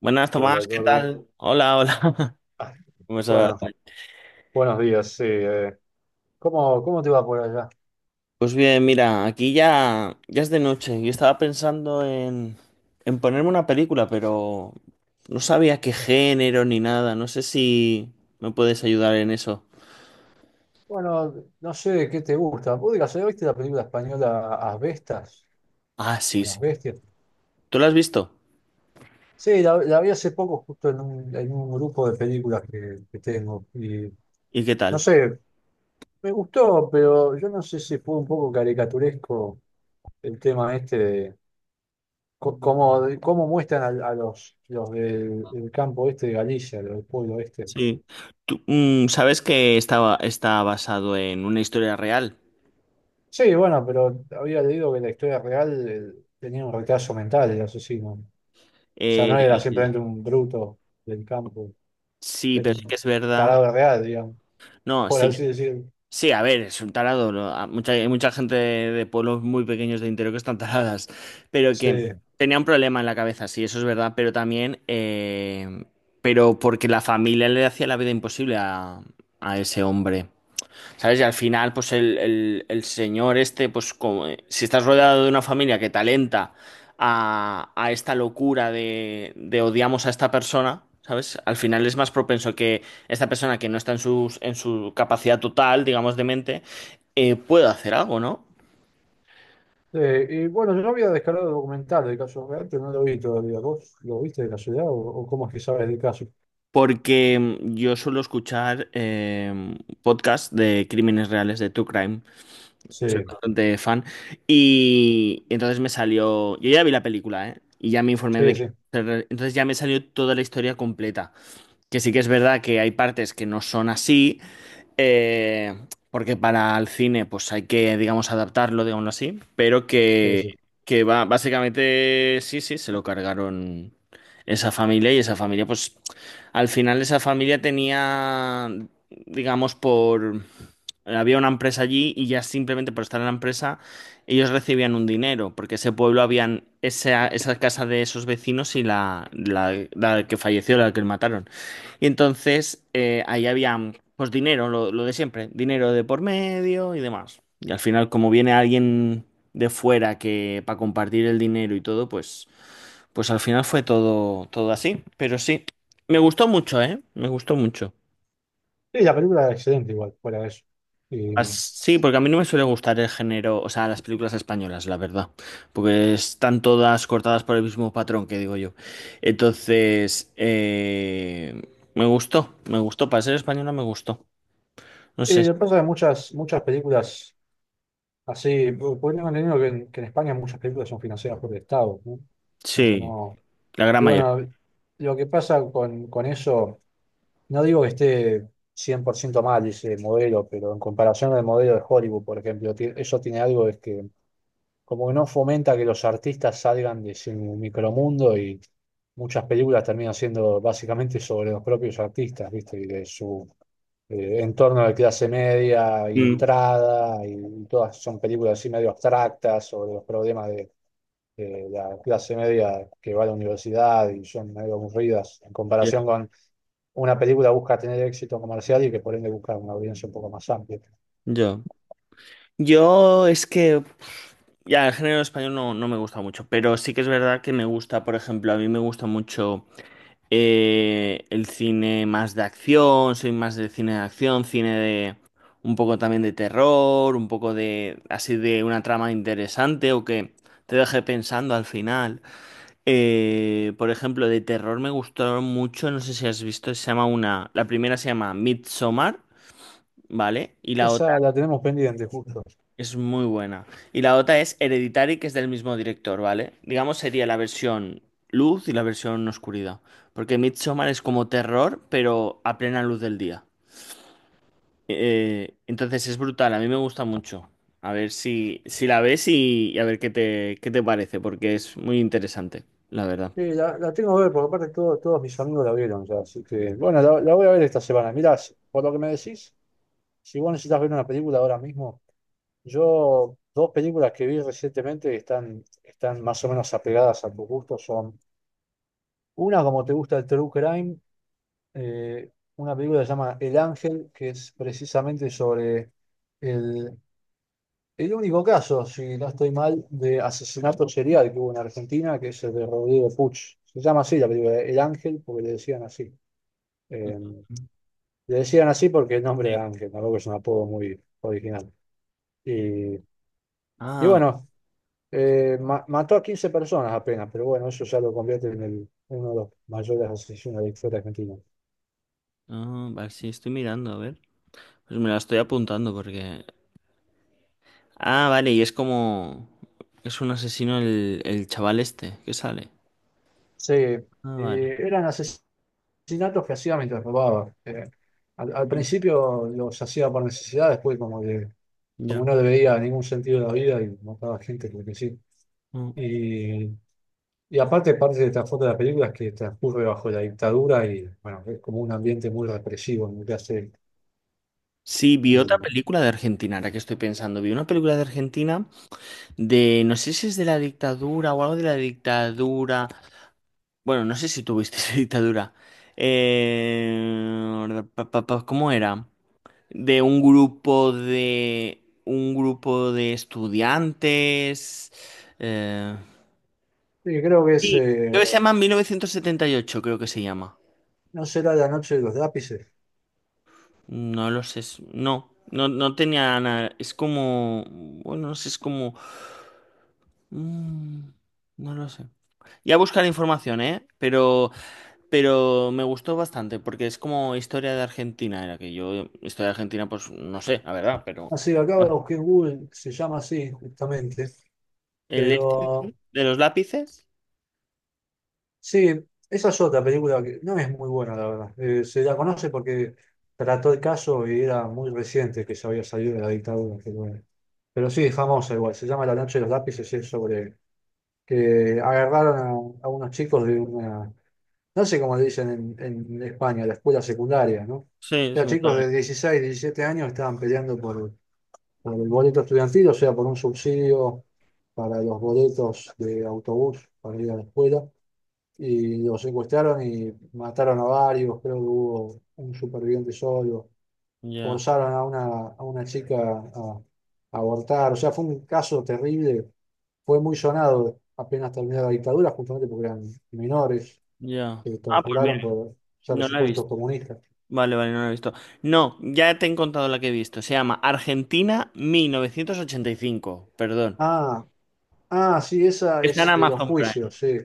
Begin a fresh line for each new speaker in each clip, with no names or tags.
Buenas, Tomás,
Hola
¿qué
Jordi.
tal? Hola, hola.
Ah,
¿Cómo estás?
Bueno, buenos días. Sí, ¿Cómo te va por allá?
Pues bien, mira, aquí ya es de noche. Yo estaba pensando en ponerme una película, pero no sabía qué género ni nada. No sé si me puedes ayudar en eso.
Bueno, no sé qué te gusta. ¿Vos digas, ¿viste la película española Asbestas?
Ah,
O
sí, sí.
Las Bestias.
¿Tú la has visto?
Sí, la vi hace poco justo en un grupo de películas que tengo. Y
¿Y qué
no
tal?
sé, me gustó, pero yo no sé si fue un poco caricaturesco el tema este de cómo muestran a, a los del campo este de Galicia, los del pueblo este.
Sí. Tú, sabes que está basado en una historia real.
Sí, bueno, pero había leído que la historia real tenía un retraso mental el asesino. O sea,
Eh,
no era simplemente un bruto del campo,
sí,
era
pero sí que
un
es verdad.
tarado real, digamos,
No,
por
sí.
así decirlo.
Sí, a ver, es un tarado, ¿no? Hay mucha gente de pueblos muy pequeños de interior que están taradas, pero que
Sí.
tenía un problema en la cabeza, sí, eso es verdad, pero también, pero porque la familia le hacía la vida imposible a ese hombre. ¿Sabes? Y al final, pues el señor este, pues como, si estás rodeado de una familia que te alenta a esta locura de odiamos a esta persona, ¿sabes? Al final es más propenso que esta persona que no está en su capacidad total, digamos, de mente, pueda hacer algo, ¿no?
Y bueno, yo había descargado el documental del caso real, pero no lo vi todavía. ¿Vos lo viste de casualidad o cómo es que sabes del caso?
Porque yo suelo escuchar podcasts de crímenes reales, de true crime. Soy
Sí,
bastante fan. Y entonces me salió. Yo ya vi la película, ¿eh? Y ya me informé de
sí,
que.
sí,
Entonces ya me salió toda la historia completa. Que sí que es verdad que hay partes que no son así, eh, porque para el cine pues hay que, digamos, adaptarlo, digámoslo así, pero
sí,
que,
sí.
que va, básicamente sí, sí, se lo cargaron esa familia, y esa familia, pues al final esa familia tenía, digamos, por. Había una empresa allí y ya simplemente por estar en la empresa ellos recibían un dinero, porque ese pueblo habían esa, casa de esos vecinos y la que falleció, la que mataron. Y entonces ahí había pues dinero, lo de siempre, dinero de por medio y demás. Y al final, como viene alguien de fuera que para compartir el dinero y todo, pues al final fue todo así. Pero sí, me gustó mucho, ¿eh? Me gustó mucho.
Sí, la película era excelente igual, fuera de eso. Y,
As- Sí, porque a mí no me suele gustar el género, o sea, las películas españolas, la verdad, porque están todas cortadas por el mismo patrón que digo yo. Entonces, me gustó, para ser española me gustó. No
y
sé.
lo que pasa es que muchas películas podríamos entendido que en España muchas películas son financiadas por el Estado, ¿no? O sea que
Sí,
no.
la gran
Y
mayoría.
bueno, lo que pasa con eso, no digo que esté 100% mal ese modelo, pero en comparación al modelo de Hollywood, por ejemplo, eso tiene algo es que como que no fomenta que los artistas salgan de su micromundo y muchas películas terminan siendo básicamente sobre los propios artistas, ¿viste? Y de su en torno a la clase media,
Mm,
ilustrada, y todas son películas así medio abstractas sobre los problemas de la clase media que va a la universidad y son medio aburridas en
ya.
comparación con una película que busca tener éxito comercial y que por ende busca una audiencia un poco más amplia.
Yo. Yo es que, ya, el género español no me gusta mucho, pero sí que es verdad que me gusta. Por ejemplo, a mí me gusta mucho el cine más de acción, soy más de cine de acción, cine de un poco también de terror, un poco de así de una trama interesante o que te deje pensando al final. Por ejemplo, de terror me gustó mucho, no sé si has visto, se llama la primera se llama Midsommar, ¿vale? Y la otra
Esa la tenemos pendiente, justo.
es muy buena. Y la otra es Hereditary, que es del mismo director, ¿vale? Digamos, sería la versión luz y la versión oscuridad. Porque Midsommar es como terror, pero a plena luz del día. Entonces es brutal, a mí me gusta mucho. A ver si la ves y a ver qué te parece, porque es muy interesante, la verdad.
Sí, la tengo que ver, porque aparte todos mis amigos la vieron ya, así que bueno, la voy a ver esta semana. Mirá, por lo que me decís, si vos necesitas ver una película ahora mismo, yo dos películas que vi recientemente que están, están más o menos apegadas a tu gusto son una como te gusta el True Crime, eh, una película que se llama El Ángel, que es precisamente sobre el, el único caso, si no estoy mal, de asesinato serial que hubo en Argentina, que es el de Rodrigo Puch. Se llama así la película, El Ángel, porque le decían así. Eh, Le decían así porque el nombre
Sí.
era Ángel, tampoco es un apodo muy original. Y, y
Ah, vale.
bueno, mató a 15 personas apenas, pero bueno, eso ya lo convierte en uno de los mayores asesinos de la historia argentina.
Ah, vale, sí, estoy mirando, a ver. Pues me la estoy apuntando porque. Ah, vale, y es como. Es un asesino el chaval este que sale.
Sí,
Ah, vale.
eran asesinatos que hacía mientras robaba. Al
Mm.
principio los hacía por necesidad, después como que como
Ya.
no le veía ningún sentido de la vida y mataba gente porque sí.
Mm.
Y, y aparte, parte de trasfondo de la película es que transcurre bajo la dictadura y bueno, es como un ambiente muy represivo en el que hace.
Sí, vi otra
Y,
película de Argentina, ahora que estoy pensando. Vi una película de Argentina, no sé si es de la dictadura o algo de la dictadura. Bueno, no sé si tuviste esa dictadura. ¿Cómo era? De un grupo de. Un grupo de estudiantes. eh,
y creo que es,
Sí, creo que se llama 1978, creo que se llama.
no será la noche de los lápices.
No lo sé. No, no, no tenía nada. Es como. Bueno, no sé, es como. mm, no lo sé. Ya buscaré información, ¿eh? Pero me gustó bastante, porque es como historia de Argentina, era que yo, historia de Argentina, pues no sé, la verdad, pero.
Así, acá lo busqué en Google, se llama así justamente,
¿El E
pero
de los lápices?
sí, esa es otra película que no es muy buena, la verdad. Se la conoce porque trató el caso y era muy reciente que se había salido de la dictadura. Pero, bueno. Pero sí, es famosa igual. Se llama La noche de los lápices y es sobre que agarraron a unos chicos de una, no sé cómo le dicen en España, la escuela secundaria, ¿no? O
Sí,
sea, chicos
secundario.
de 16, 17 años estaban peleando por el boleto estudiantil, o sea, por un subsidio para los boletos de autobús para ir a la escuela y lo secuestraron y mataron a varios, creo que hubo un superviviente solo,
Ya,
forzaron a una chica a abortar, o sea, fue un caso terrible, fue muy sonado apenas terminó la dictadura, justamente porque eran menores
ya.
que
Ah, pues mira,
torturaron por ser
no la he
supuestos
visto.
comunistas.
Vale, vale, no lo he visto. No, ya te he contado la que he visto. Se llama Argentina 1985, perdón.
Ah, ah, sí, esa
Está en
es de los
Amazon Prime.
juicios, sí.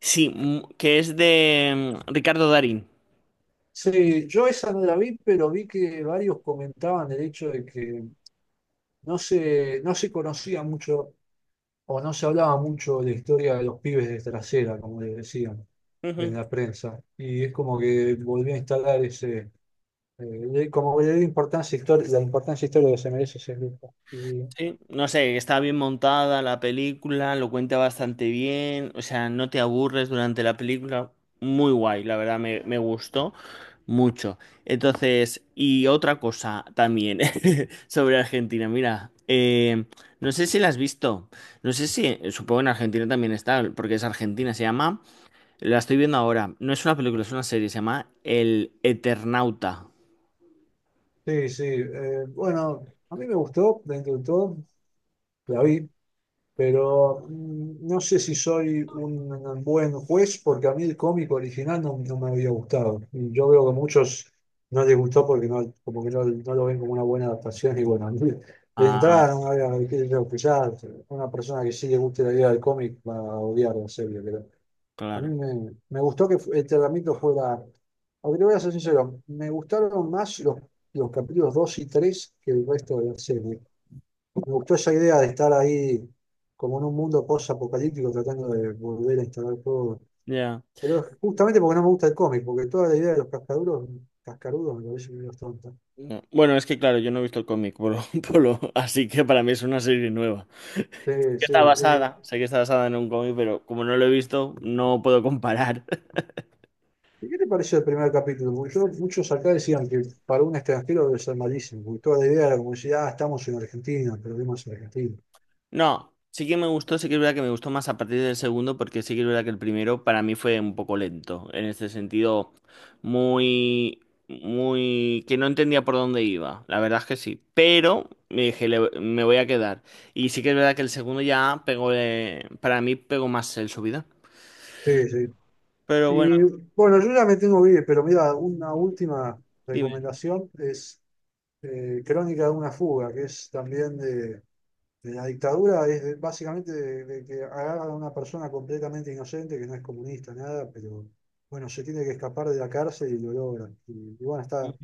Sí, que es de Ricardo Darín.
Sí, yo esa no la vi, pero vi que varios comentaban el hecho de que no se conocía mucho o no se hablaba mucho de la historia de los pibes de trasera, como les decían en la prensa. Y es como que volví a instalar ese, eh, como le di importancia la importancia histórica que se merece ese grupo. Y,
Sí, no sé, está bien montada la película, lo cuenta bastante bien, o sea, no te aburres durante la película, muy guay, la verdad me gustó mucho. Entonces, y otra cosa también sobre Argentina, mira, no sé si la has visto, no sé si, supongo en Argentina también está, porque es Argentina, se llama, la estoy viendo ahora, no es una película, es una serie, se llama El Eternauta.
sí, sí, bueno, a mí me gustó dentro de todo, la vi, pero no sé si soy un buen juez porque a mí el cómico original no me había gustado. Y yo veo que a muchos no les gustó porque como que no lo ven como una buena adaptación. Y bueno, a mí de
Ah,
entrada no me había, qué sé yo, que una persona que sí le guste la idea del cómic va a odiar la serie. Pero a mí
claro.
me gustó que el tratamiento fuera, aunque te voy a ser sincero, me gustaron más los capítulos 2 y 3 que el resto de la serie. Me gustó esa idea de estar ahí como en un mundo post-apocalíptico tratando de volver a instalar todo.
Ya.
Pero justamente porque no me gusta el cómic, porque toda la idea de los cascarudos me parece que es tonta.
No. Bueno, es que claro, yo no he visto el cómic Polo, Polo, así que para mí es una serie nueva.
Sí, sí.
Sé que está basada en un cómic, pero como no lo he visto, no puedo comparar.
¿Y qué te pareció el primer capítulo? Porque muchos acá decían que para un extranjero debe ser malísimo, porque toda la idea era como decir, ah, estamos en Argentina, perdemos en Argentina.
No, sí que me gustó, sí que es verdad que me gustó más a partir del segundo, porque sí que es verdad que el primero para mí fue un poco lento, en este sentido, muy, muy, que no entendía por dónde iba, la verdad es que sí, pero me dije, Me voy a quedar". Y sí que es verdad que el segundo ya pegó, para mí pegó más el subida.
Sí, sí.
Pero bueno,
Y bueno, yo ya me tengo que ir, pero mira, una última
dime.
recomendación es Crónica de una fuga, que es también de la dictadura básicamente de que agarran a una persona completamente inocente que no es comunista, nada, pero bueno, se tiene que escapar de la cárcel y lo logran. Y bueno, está,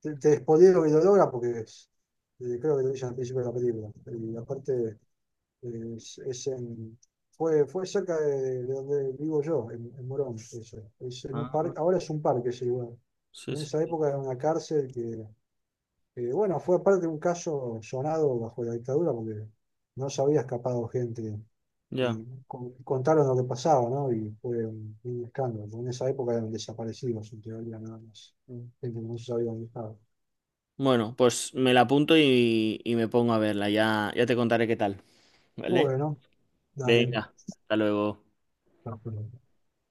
te spoileo que lo logran porque creo que lo dicen al principio de la película. Y aparte es en, fue cerca de donde vivo yo, en Morón, eso. Es en un
Ah,
parque, ahora es un parque ese lugar.
sí,
En esa
sí.
época era una cárcel que bueno, fue aparte un caso sonado bajo la dictadura porque no se había escapado gente
Ya.
y contaron lo que pasaba, ¿no? Y fue un escándalo. En esa época eran desaparecidos, en teoría, nada más.
Mm.
Gente que no se sabía dónde estaba.
Bueno, pues me la apunto y me pongo a verla. Ya te contaré qué tal, ¿vale?
Bueno, dale.
Venga, hasta luego.
Perfecto.